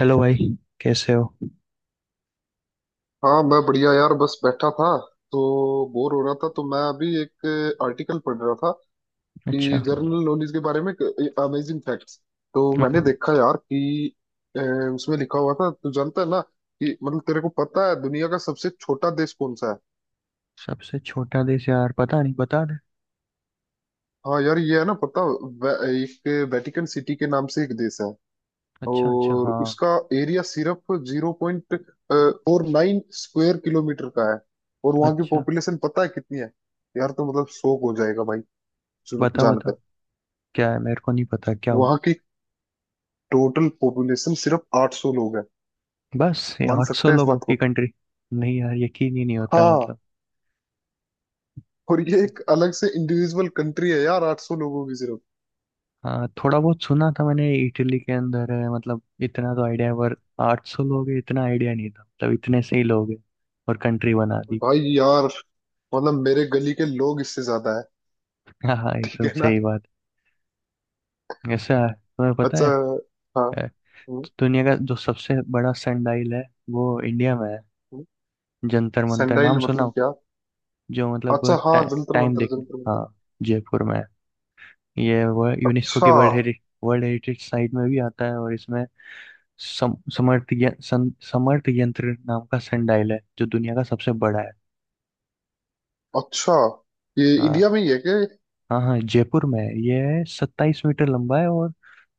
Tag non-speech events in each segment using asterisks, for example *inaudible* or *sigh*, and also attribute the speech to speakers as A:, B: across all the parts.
A: Hello भाई, कैसे हो।
B: हाँ मैं बढ़िया यार, बस बैठा था। तो बोर हो रहा था, तो मैं अभी एक आर्टिकल पढ़ रहा था
A: अच्छा।
B: कि जनरल नॉलेज के बारे में अमेजिंग फैक्ट्स। तो मैंने
A: वो
B: देखा यार कि अ, उसमें लिखा हुआ था। तू जानता है ना कि मतलब तेरे को पता है दुनिया का सबसे छोटा देश कौन सा है?
A: सबसे छोटा देश यार, पता नहीं, बता दे।
B: हाँ यार, ये है ना पता। वे- एक वेटिकन सिटी के नाम से एक देश है।
A: अच्छा अच्छा
B: और
A: हाँ।
B: उसका एरिया सिर्फ 0.49 स्क्वायर किलोमीटर का है। और वहाँ की
A: अच्छा,
B: पॉपुलेशन पता है कितनी है? यार, तो मतलब शौक हो जाएगा भाई, सुन
A: बता बता,
B: जानकर।
A: क्या है, मेरे को नहीं पता, क्या हो।
B: वहाँ की टोटल पॉपुलेशन सिर्फ 800 लोग है।
A: बस ये
B: मान
A: 800
B: सकते हैं इस
A: लोगों
B: बात
A: की
B: को?
A: कंट्री। नहीं यार, यकीन ही नहीं होता
B: हाँ।
A: मतलब।
B: और ये एक अलग से इंडिविजुअल कंट्री है यार, 800 लोगों की सिर्फ।
A: हाँ, थोड़ा बहुत सुना था मैंने, इटली के अंदर है, मतलब इतना तो आइडिया है, पर 800 लोग है इतना आइडिया नहीं था, मतलब इतने से ही लोग है और कंट्री बना दी।
B: भाई यार, मतलब मेरे गली के लोग इससे ज्यादा है।
A: *laughs* हाँ हाँ,
B: ठीक
A: एकदम
B: है ना?
A: सही बात। ऐसा है, तुम्हें पता
B: अच्छा।
A: है।
B: हाँ।
A: अ,
B: हम्म।
A: दुनिया का जो सबसे बड़ा सनडाइल है वो इंडिया में है।
B: हम्म।
A: जंतर मंतर नाम
B: सेंडाइल
A: सुना
B: मतलब
A: हो?
B: क्या?
A: जो मतलब
B: अच्छा हाँ,
A: टा,
B: जंतर
A: टाइम
B: मंतर
A: देखने,
B: जंतर मंतर।
A: हाँ, जयपुर में है। ये वो यूनेस्को की
B: अच्छा
A: वर्ल्ड हेरिटेज साइट में भी आता है, और इसमें समर्थ यंत्र नाम का संडाइल है, जो दुनिया का सबसे बड़ा है।
B: अच्छा। ये
A: हाँ
B: इंडिया में ही है क्या?
A: हाँ, हाँ जयपुर में है। ये 27 मीटर लंबा है और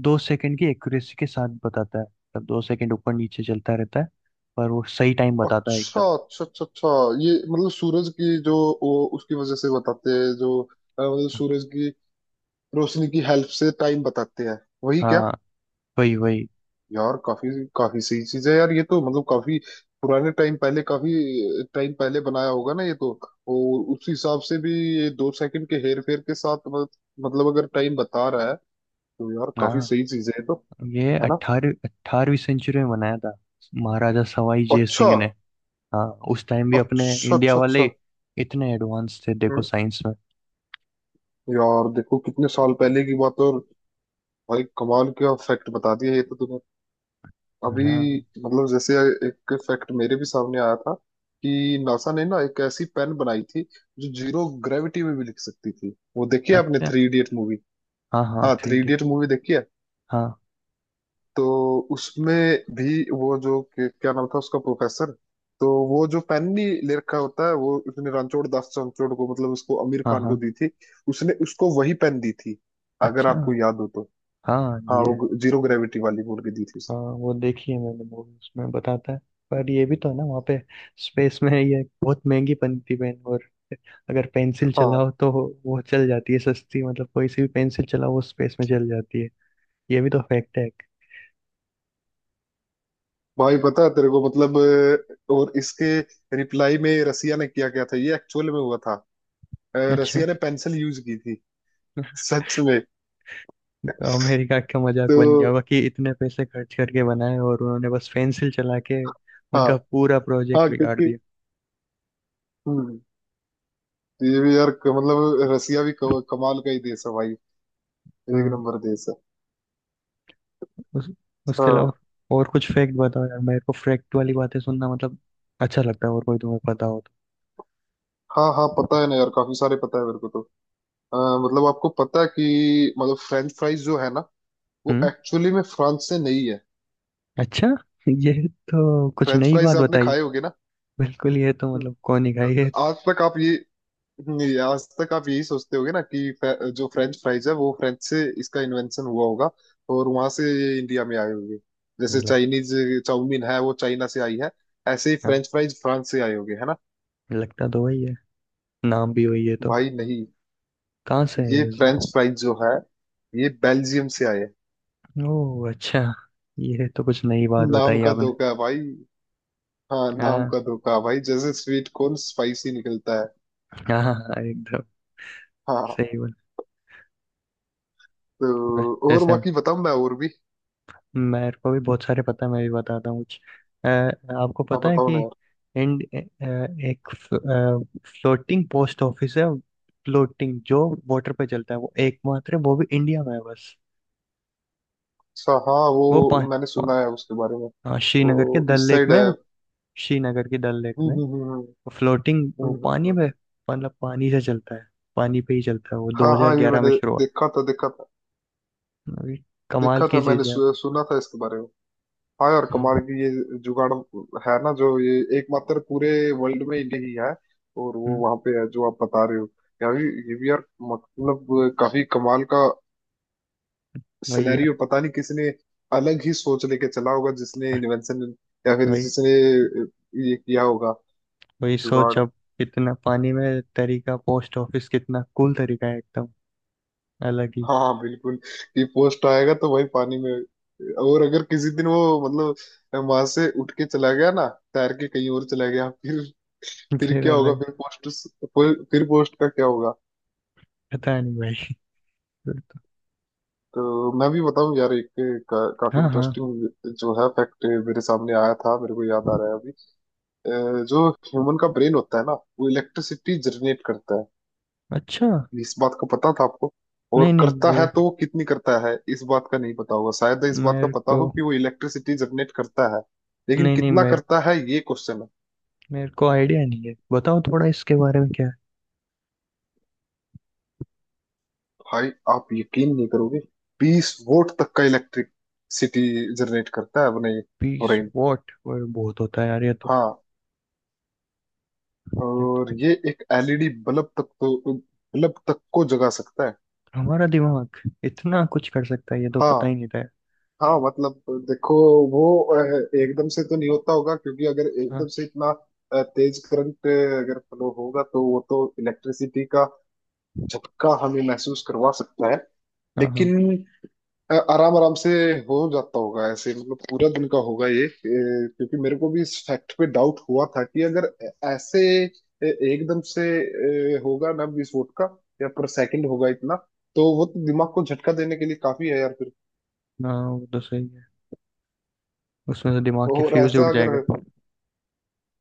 A: 2 सेकंड की एक्यूरेसी के साथ बताता है, मतलब 2 सेकंड ऊपर नीचे चलता रहता है, पर वो सही टाइम बताता है
B: अच्छा
A: एकदम।
B: अच्छा अच्छा अच्छा। ये मतलब सूरज की जो, वो उसकी वजह से बताते हैं, जो मतलब सूरज की रोशनी की हेल्प से टाइम बताते हैं, वही क्या?
A: हाँ, वही वही।
B: यार, काफी काफी सही चीज है यार ये तो। मतलब काफी पुराने टाइम पहले, काफी टाइम पहले बनाया होगा ना ये तो। और उस हिसाब से भी, ये दो सेकंड के हेर फेर के साथ मतलब अगर टाइम बता रहा है, तो यार काफी
A: हाँ,
B: सही चीज है ये तो।
A: ये
B: है ना?
A: अट्ठारह 18वीं सेंचुरी में बनाया था महाराजा सवाई जय
B: अच्छा
A: सिंह ने। हाँ, उस टाइम भी अपने
B: अच्छा
A: इंडिया
B: अच्छा
A: वाले
B: अच्छा।
A: इतने एडवांस थे, देखो
B: हम्म।
A: साइंस में।
B: यार देखो, कितने साल पहले की बात है, और भाई कमाल का फैक्ट बता दिया ये तो तूने अभी।
A: हाँ
B: मतलब जैसे, एक फैक्ट मेरे भी सामने आया था कि नासा ने ना एक ऐसी पेन बनाई थी जो जीरो ग्रेविटी में भी लिख सकती थी। वो देखी है आपने,
A: अच्छा,
B: थ्री इडियट मूवी?
A: हाँ हाँ,
B: हाँ,
A: three
B: three
A: D.
B: Idiot movie देखी है।
A: हाँ
B: तो उसमें भी वो जो, क्या नाम था उसका, प्रोफेसर। तो वो जो पेन नहीं ले रखा होता है, वो उसने रणछोड़ दास रणछोड़ को मतलब उसको आमिर
A: हाँ
B: खान को
A: हाँ,
B: दी थी। उसने उसको वही पेन दी थी, अगर
A: अच्छा,
B: आपको याद हो तो।
A: हाँ,
B: हाँ,
A: ये
B: वो जीरो ग्रेविटी वाली बोल के दी थी
A: हाँ,
B: उसने।
A: वो देखी है मैंने मूवी, उसमें बताता है। पर ये भी तो है ना, वहाँ पे स्पेस में ये बहुत महंगी बनती पेन, और अगर पेंसिल
B: हाँ
A: चलाओ तो वो चल जाती है, सस्ती, मतलब कोई सी भी पेंसिल चलाओ वो स्पेस में चल जाती है। ये भी तो फैक्ट है एक।
B: भाई, पता है तेरे को मतलब, और इसके रिप्लाई में रसिया ने किया क्या था, ये एक्चुअल में हुआ था।
A: अच्छा,
B: रसिया ने पेंसिल यूज की थी, सच में।
A: तो अमेरिका का मजाक
B: तो
A: बन गया होगा कि इतने पैसे खर्च करके बनाए और उन्होंने बस पेंसिल चला के
B: हाँ
A: उनका पूरा
B: हाँ,
A: प्रोजेक्ट बिगाड़
B: क्योंकि
A: दिया।
B: हम्म, तो ये भी यार, मतलब रसिया भी कमाल का ही देश है भाई। एक
A: हाँ।
B: नंबर देश है।
A: उस, उसके
B: हाँ
A: अलावा और कुछ फैक्ट बताओ यार, मेरे को फैक्ट वाली बातें सुनना मतलब अच्छा लगता है, और कोई तुम्हें पता हो तो।
B: हाँ हाँ, पता है ना यार, काफी सारे पता है मेरे को तो। अ, मतलब आपको पता है कि मतलब फ्रेंच फ्राइज जो है ना, वो
A: हम्म,
B: एक्चुअली में फ्रांस से नहीं है।
A: अच्छा। *laughs* ये तो कुछ
B: फ्रेंच
A: नई
B: फ्राइज
A: बात
B: आपने
A: बताई।
B: खाए होगे ना?
A: बिल्कुल, ये तो मतलब कौन ही खाई है।
B: आज तक आप ये, नहीं, आज तक आप यही सोचते होगे ना कि जो फ्रेंच फ्राइज है वो फ्रेंच से इसका इन्वेंशन हुआ होगा और वहां से ये इंडिया में आए होंगे। जैसे
A: लग,
B: चाइनीज चाउमीन है वो चाइना से आई है, ऐसे ही
A: हाँ,
B: फ्रेंच फ्राइज फ्रांस से आए होंगे, है ना?
A: लगता तो वही है, नाम भी वही है तो।
B: भाई नहीं।
A: कहाँ से है
B: ये
A: उस।
B: फ्रेंच फ्राइज जो है, ये बेल्जियम से आए हैं।
A: ओह अच्छा, ये तो कुछ नई बात
B: नाम
A: बताई
B: का
A: आपने।
B: धोखा है भाई। हाँ, नाम
A: हाँ
B: का धोखा है भाई, जैसे स्वीट कॉर्न स्पाइसी निकलता है।
A: हाँ, हाँ, एकदम
B: हाँ,
A: सही बात।
B: तो और
A: वैसे
B: बाकी बताऊं मैं, और भी?
A: मेरे को भी बहुत सारे पता है, मैं भी बताता हूँ कुछ। अ, आपको
B: हाँ
A: पता है
B: बताओ
A: कि
B: ना।
A: इंड अ, एक फ्लोटिंग पोस्ट ऑफिस है। फ्लोटिंग, जो वाटर पे चलता है, वो एकमात्र है, वो भी इंडिया में है बस।
B: अच्छा हाँ, वो
A: वो पा,
B: मैंने
A: पा,
B: सुना है उसके बारे में।
A: हाँ,
B: वो
A: श्रीनगर के डल
B: इस
A: लेक
B: साइड
A: में है
B: है?
A: वो, श्रीनगर के डल लेक में। फ्लोटिंग, वो
B: हम्म।
A: पानी में,
B: हम्म।
A: मतलब पानी से चलता है, पानी पे ही चलता है। वो
B: हाँ हाँ, ये
A: 2011 में
B: मैंने
A: शुरू हुआ।
B: देखा था, देखा था।
A: अभी कमाल
B: देखा
A: की
B: था मैंने,
A: चीज है।
B: सुना था इसके बारे में। हाँ यार, कमाल
A: हम्म,
B: की ये जुगाड़ है ना, जो ये एकमात्र पूरे वर्ल्ड में इंडिया ही है, और वो
A: हम्म,
B: वहां पे है जो आप बता रहे हो। यार ये भी यार, मतलब काफी कमाल का
A: वही है।
B: सिनेरियो। पता नहीं किसने अलग ही सोच लेके चला होगा, जिसने इन्वेंशन या फिर
A: वही
B: जिसने ये किया होगा,
A: वही सोच
B: जुगाड़।
A: अब, इतना पानी में तरीका पोस्ट ऑफिस, कितना कूल तरीका है, एकदम अलग ही।
B: हाँ बिल्कुल, कि पोस्ट आएगा तो भाई पानी में। और अगर किसी दिन वो मतलब वहां से उठ के चला गया ना, तैर के कहीं और चला गया, फिर
A: फिर
B: क्या होगा,
A: अलग,
B: फिर पोस्ट, फिर पोस्ट का क्या होगा?
A: पता नहीं भाई, फिर तो।
B: तो मैं भी बताऊं यार एक, काफी
A: हाँ हाँ।
B: इंटरेस्टिंग जो है फैक्ट मेरे सामने आया था, मेरे को याद आ रहा है अभी। जो ह्यूमन का ब्रेन होता है ना, वो इलेक्ट्रिसिटी जनरेट करता है,
A: अच्छा।
B: इस बात का पता था आपको?
A: नहीं
B: और
A: नहीं,
B: करता है तो वो कितनी करता है, इस बात का नहीं पता होगा। शायद इस बात का
A: मेरे
B: पता
A: को
B: हो कि वो इलेक्ट्रिसिटी जनरेट करता है, लेकिन
A: नहीं नहीं
B: कितना
A: मेरे
B: करता
A: को
B: है ये क्वेश्चन है।
A: मेरे को आइडिया नहीं है, बताओ थोड़ा इसके बारे में क्या है।
B: भाई, आप यकीन नहीं करोगे, 20 वोल्ट तक का इलेक्ट्रिसिटी जनरेट करता है अपने
A: पीस
B: ब्रेन।
A: वॉट और बहुत होता है यार, ये तो।
B: हाँ,
A: ये
B: और
A: तो
B: ये एक एलईडी बल्ब तक, तो बल्ब तक को जगा सकता है।
A: हमारा दिमाग इतना कुछ कर सकता है, ये तो पता ही
B: हाँ
A: नहीं था यार।
B: हाँ, मतलब देखो, वो अ, एकदम से तो नहीं होता होगा, क्योंकि अगर
A: हाँ
B: एकदम से इतना तेज करंट अगर फ्लो होगा, तो वो तो इलेक्ट्रिसिटी का झटका हमें महसूस करवा सकता है।
A: हाँ हाँ।
B: लेकिन आराम आराम से हो जाता होगा ऐसे, मतलब पूरा दिन का होगा ये। क्योंकि मेरे को भी इस फैक्ट पे डाउट हुआ था कि अगर ऐसे एकदम से होगा ना विस्फोट का, या पर सेकंड होगा इतना, तो वो तो दिमाग को झटका देने के लिए काफी है यार फिर।
A: हाँ, वो तो सही है, उसमें तो दिमाग के
B: और
A: फ्यूज उड़
B: ऐसा अगर,
A: जाएगा। *laughs*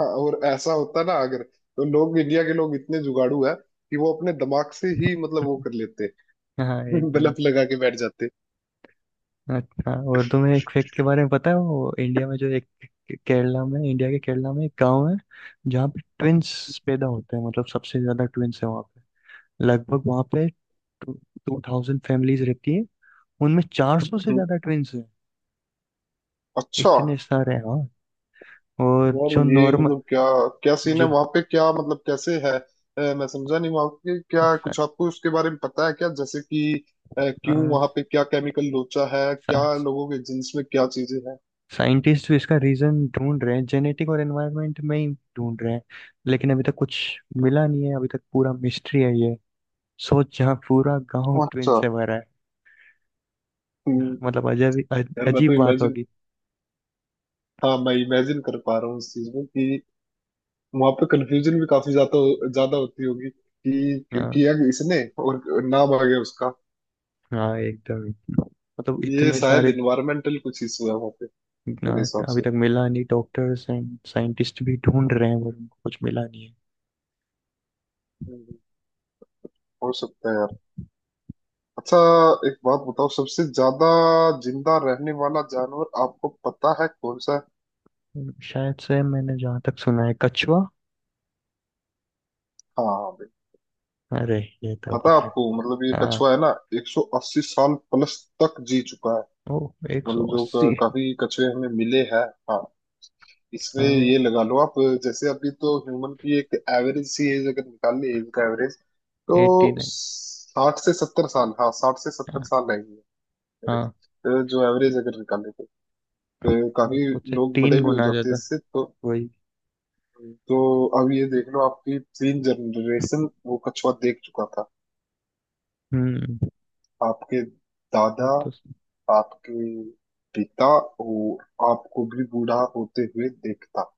B: हाँ और ऐसा होता ना अगर, तो लोग इंडिया के लोग इतने जुगाड़ू है कि वो अपने दिमाग से ही मतलब वो कर लेते
A: हाँ
B: *laughs*
A: एकदम।
B: बलफ लगा के बैठ जाते।
A: अच्छा, और तुम्हें एक फैक्ट के बारे में पता है? वो इंडिया में जो एक केरला में, इंडिया के केरला में एक गांव है जहाँ पे ट्विंस पैदा होते हैं, मतलब सबसे ज्यादा ट्विंस है वहाँ पे। लगभग वहाँ पे 2000 फैमिलीज रहती है, उनमें 400 से
B: हम्म।
A: ज्यादा ट्विंस हैं।
B: अच्छा।
A: इतने सारे हैं, हाँ। और
B: यार
A: जो
B: ये
A: नॉर्मल,
B: मतलब क्या, क्या सीन
A: जो
B: है वहां पे, क्या मतलब कैसे है? मैं समझा नहीं, वहां पे क्या कुछ आपको उसके बारे में पता है क्या, जैसे कि क्यों वहां पे, क्या केमिकल लोचा है क्या, लोगों के जीन्स में क्या चीजें हैं?
A: साइंटिस्ट भी इसका रीजन ढूंढ रहे हैं, जेनेटिक और एनवायरनमेंट में ही ढूंढ रहे हैं, लेकिन अभी तक कुछ मिला नहीं है, अभी तक पूरा मिस्ट्री है ये। सोच, यहाँ पूरा गांव ट्रेन
B: अच्छा।
A: से भरा है,
B: हम्म,
A: मतलब
B: यार मैं तो
A: अजीब बात
B: इमेजिन,
A: होगी।
B: हाँ मैं इमेजिन कर पा रहा हूँ इस चीज में, कि वहां पे कंफ्यूजन भी काफी ज्यादा ज्यादा होती होगी कि
A: हाँ
B: किया इसने और नाम आ गया उसका।
A: हाँ, एकदम ही। मतलब
B: ये
A: इतने
B: शायद
A: सारे
B: इन्वायरमेंटल कुछ इशू है वहां पे,
A: ना,
B: मेरे हिसाब
A: अभी
B: से।
A: तक मिला नहीं, डॉक्टर्स एंड साइंटिस्ट भी ढूंढ रहे हैं पर उनको कुछ मिला नहीं।
B: हम्म, हो सकता है यार। अच्छा, एक बात बताओ। सबसे ज्यादा जिंदा रहने वाला जानवर आपको पता है कौन सा है?
A: है, शायद से, मैंने जहाँ तक सुना है, कछुआ।
B: हाँ भाई।
A: अरे, ये तो
B: पता है
A: पता है।
B: आपको मतलब ये
A: हाँ।
B: कछुआ है ना, 180 साल प्लस तक जी चुका है।
A: ओ, एक सौ
B: मतलब जो
A: अस्सी
B: काफी कछुए हमें मिले हैं। हाँ, इसमें
A: हाँ,
B: ये लगा लो आप। जैसे अभी तो ह्यूमन की एक एवरेज सी एज अगर निकाल ली, एज का एवरेज,
A: एट्टी
B: तो
A: नाइन
B: 60 से 70 साल, हाँ साठ से सत्तर
A: हाँ
B: साल है ये। average,
A: हाँ,
B: जो एवरेज अगर निकाले तो, अ, काफी
A: उससे
B: लोग बड़े
A: तीन
B: भी हो
A: गुना
B: जाते हैं
A: ज्यादा।
B: इससे तो।
A: वही।
B: तो अब ये देख लो, आपकी तीन जनरेशन वो कछुआ देख चुका था,
A: हम्म।
B: आपके
A: वो
B: दादा,
A: तो
B: आपके पिता, और आपको भी बूढ़ा होते हुए देखता।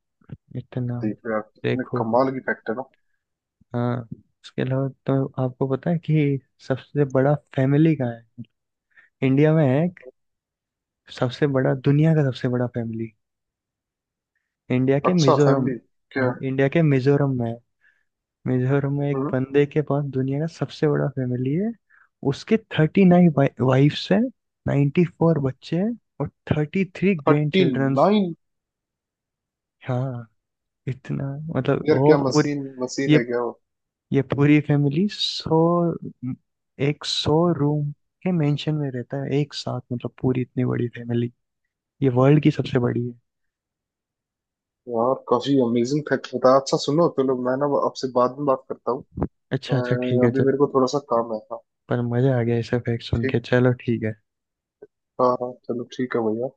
A: इतना,
B: देख रहे हो आप कितने
A: देखो।
B: कमाल की फैक्टर
A: हाँ, उसके अलावा तो आपको पता है कि सबसे बड़ा फैमिली कहाँ है? इंडिया में है एक, सबसे बड़ा,
B: हो?
A: दुनिया का सबसे बड़ा फैमिली, इंडिया के
B: अच्छा,
A: मिजोरम,
B: फैमिली क्या,
A: इंडिया के मिजोरम में है। मिजोरम में एक बंदे के पास दुनिया का सबसे बड़ा फैमिली है। उसके 39 वाइफ्स हैं, 94 बच्चे हैं और 33 ग्रैंड
B: थर्टी
A: चिल्ड्रंस।
B: नाइन
A: हाँ इतना, मतलब
B: यार
A: वो
B: क्या
A: पूरी,
B: मशीन मशीन
A: ये
B: है क्या वो?
A: ये पूरी फैमिली सौ 100 रूम के मेंशन में रहता है एक साथ, मतलब पूरी इतनी बड़ी फैमिली, ये वर्ल्ड की सबसे बड़ी है।
B: यार काफी अमेजिंग फैक्ट बताया। अच्छा सुनो चलो, मैं ना आपसे बाद में बात करता हूँ।
A: अच्छा अच्छा, ठीक
B: अ,
A: है
B: अभी
A: चल।
B: मेरे को थोड़ा सा काम है, हाँ।
A: पर मजा आ गया ऐसे फैक्ट सुन
B: ठीक।
A: के। चलो, ठीक है।
B: हाँ हाँ, चलो ठीक है भैया।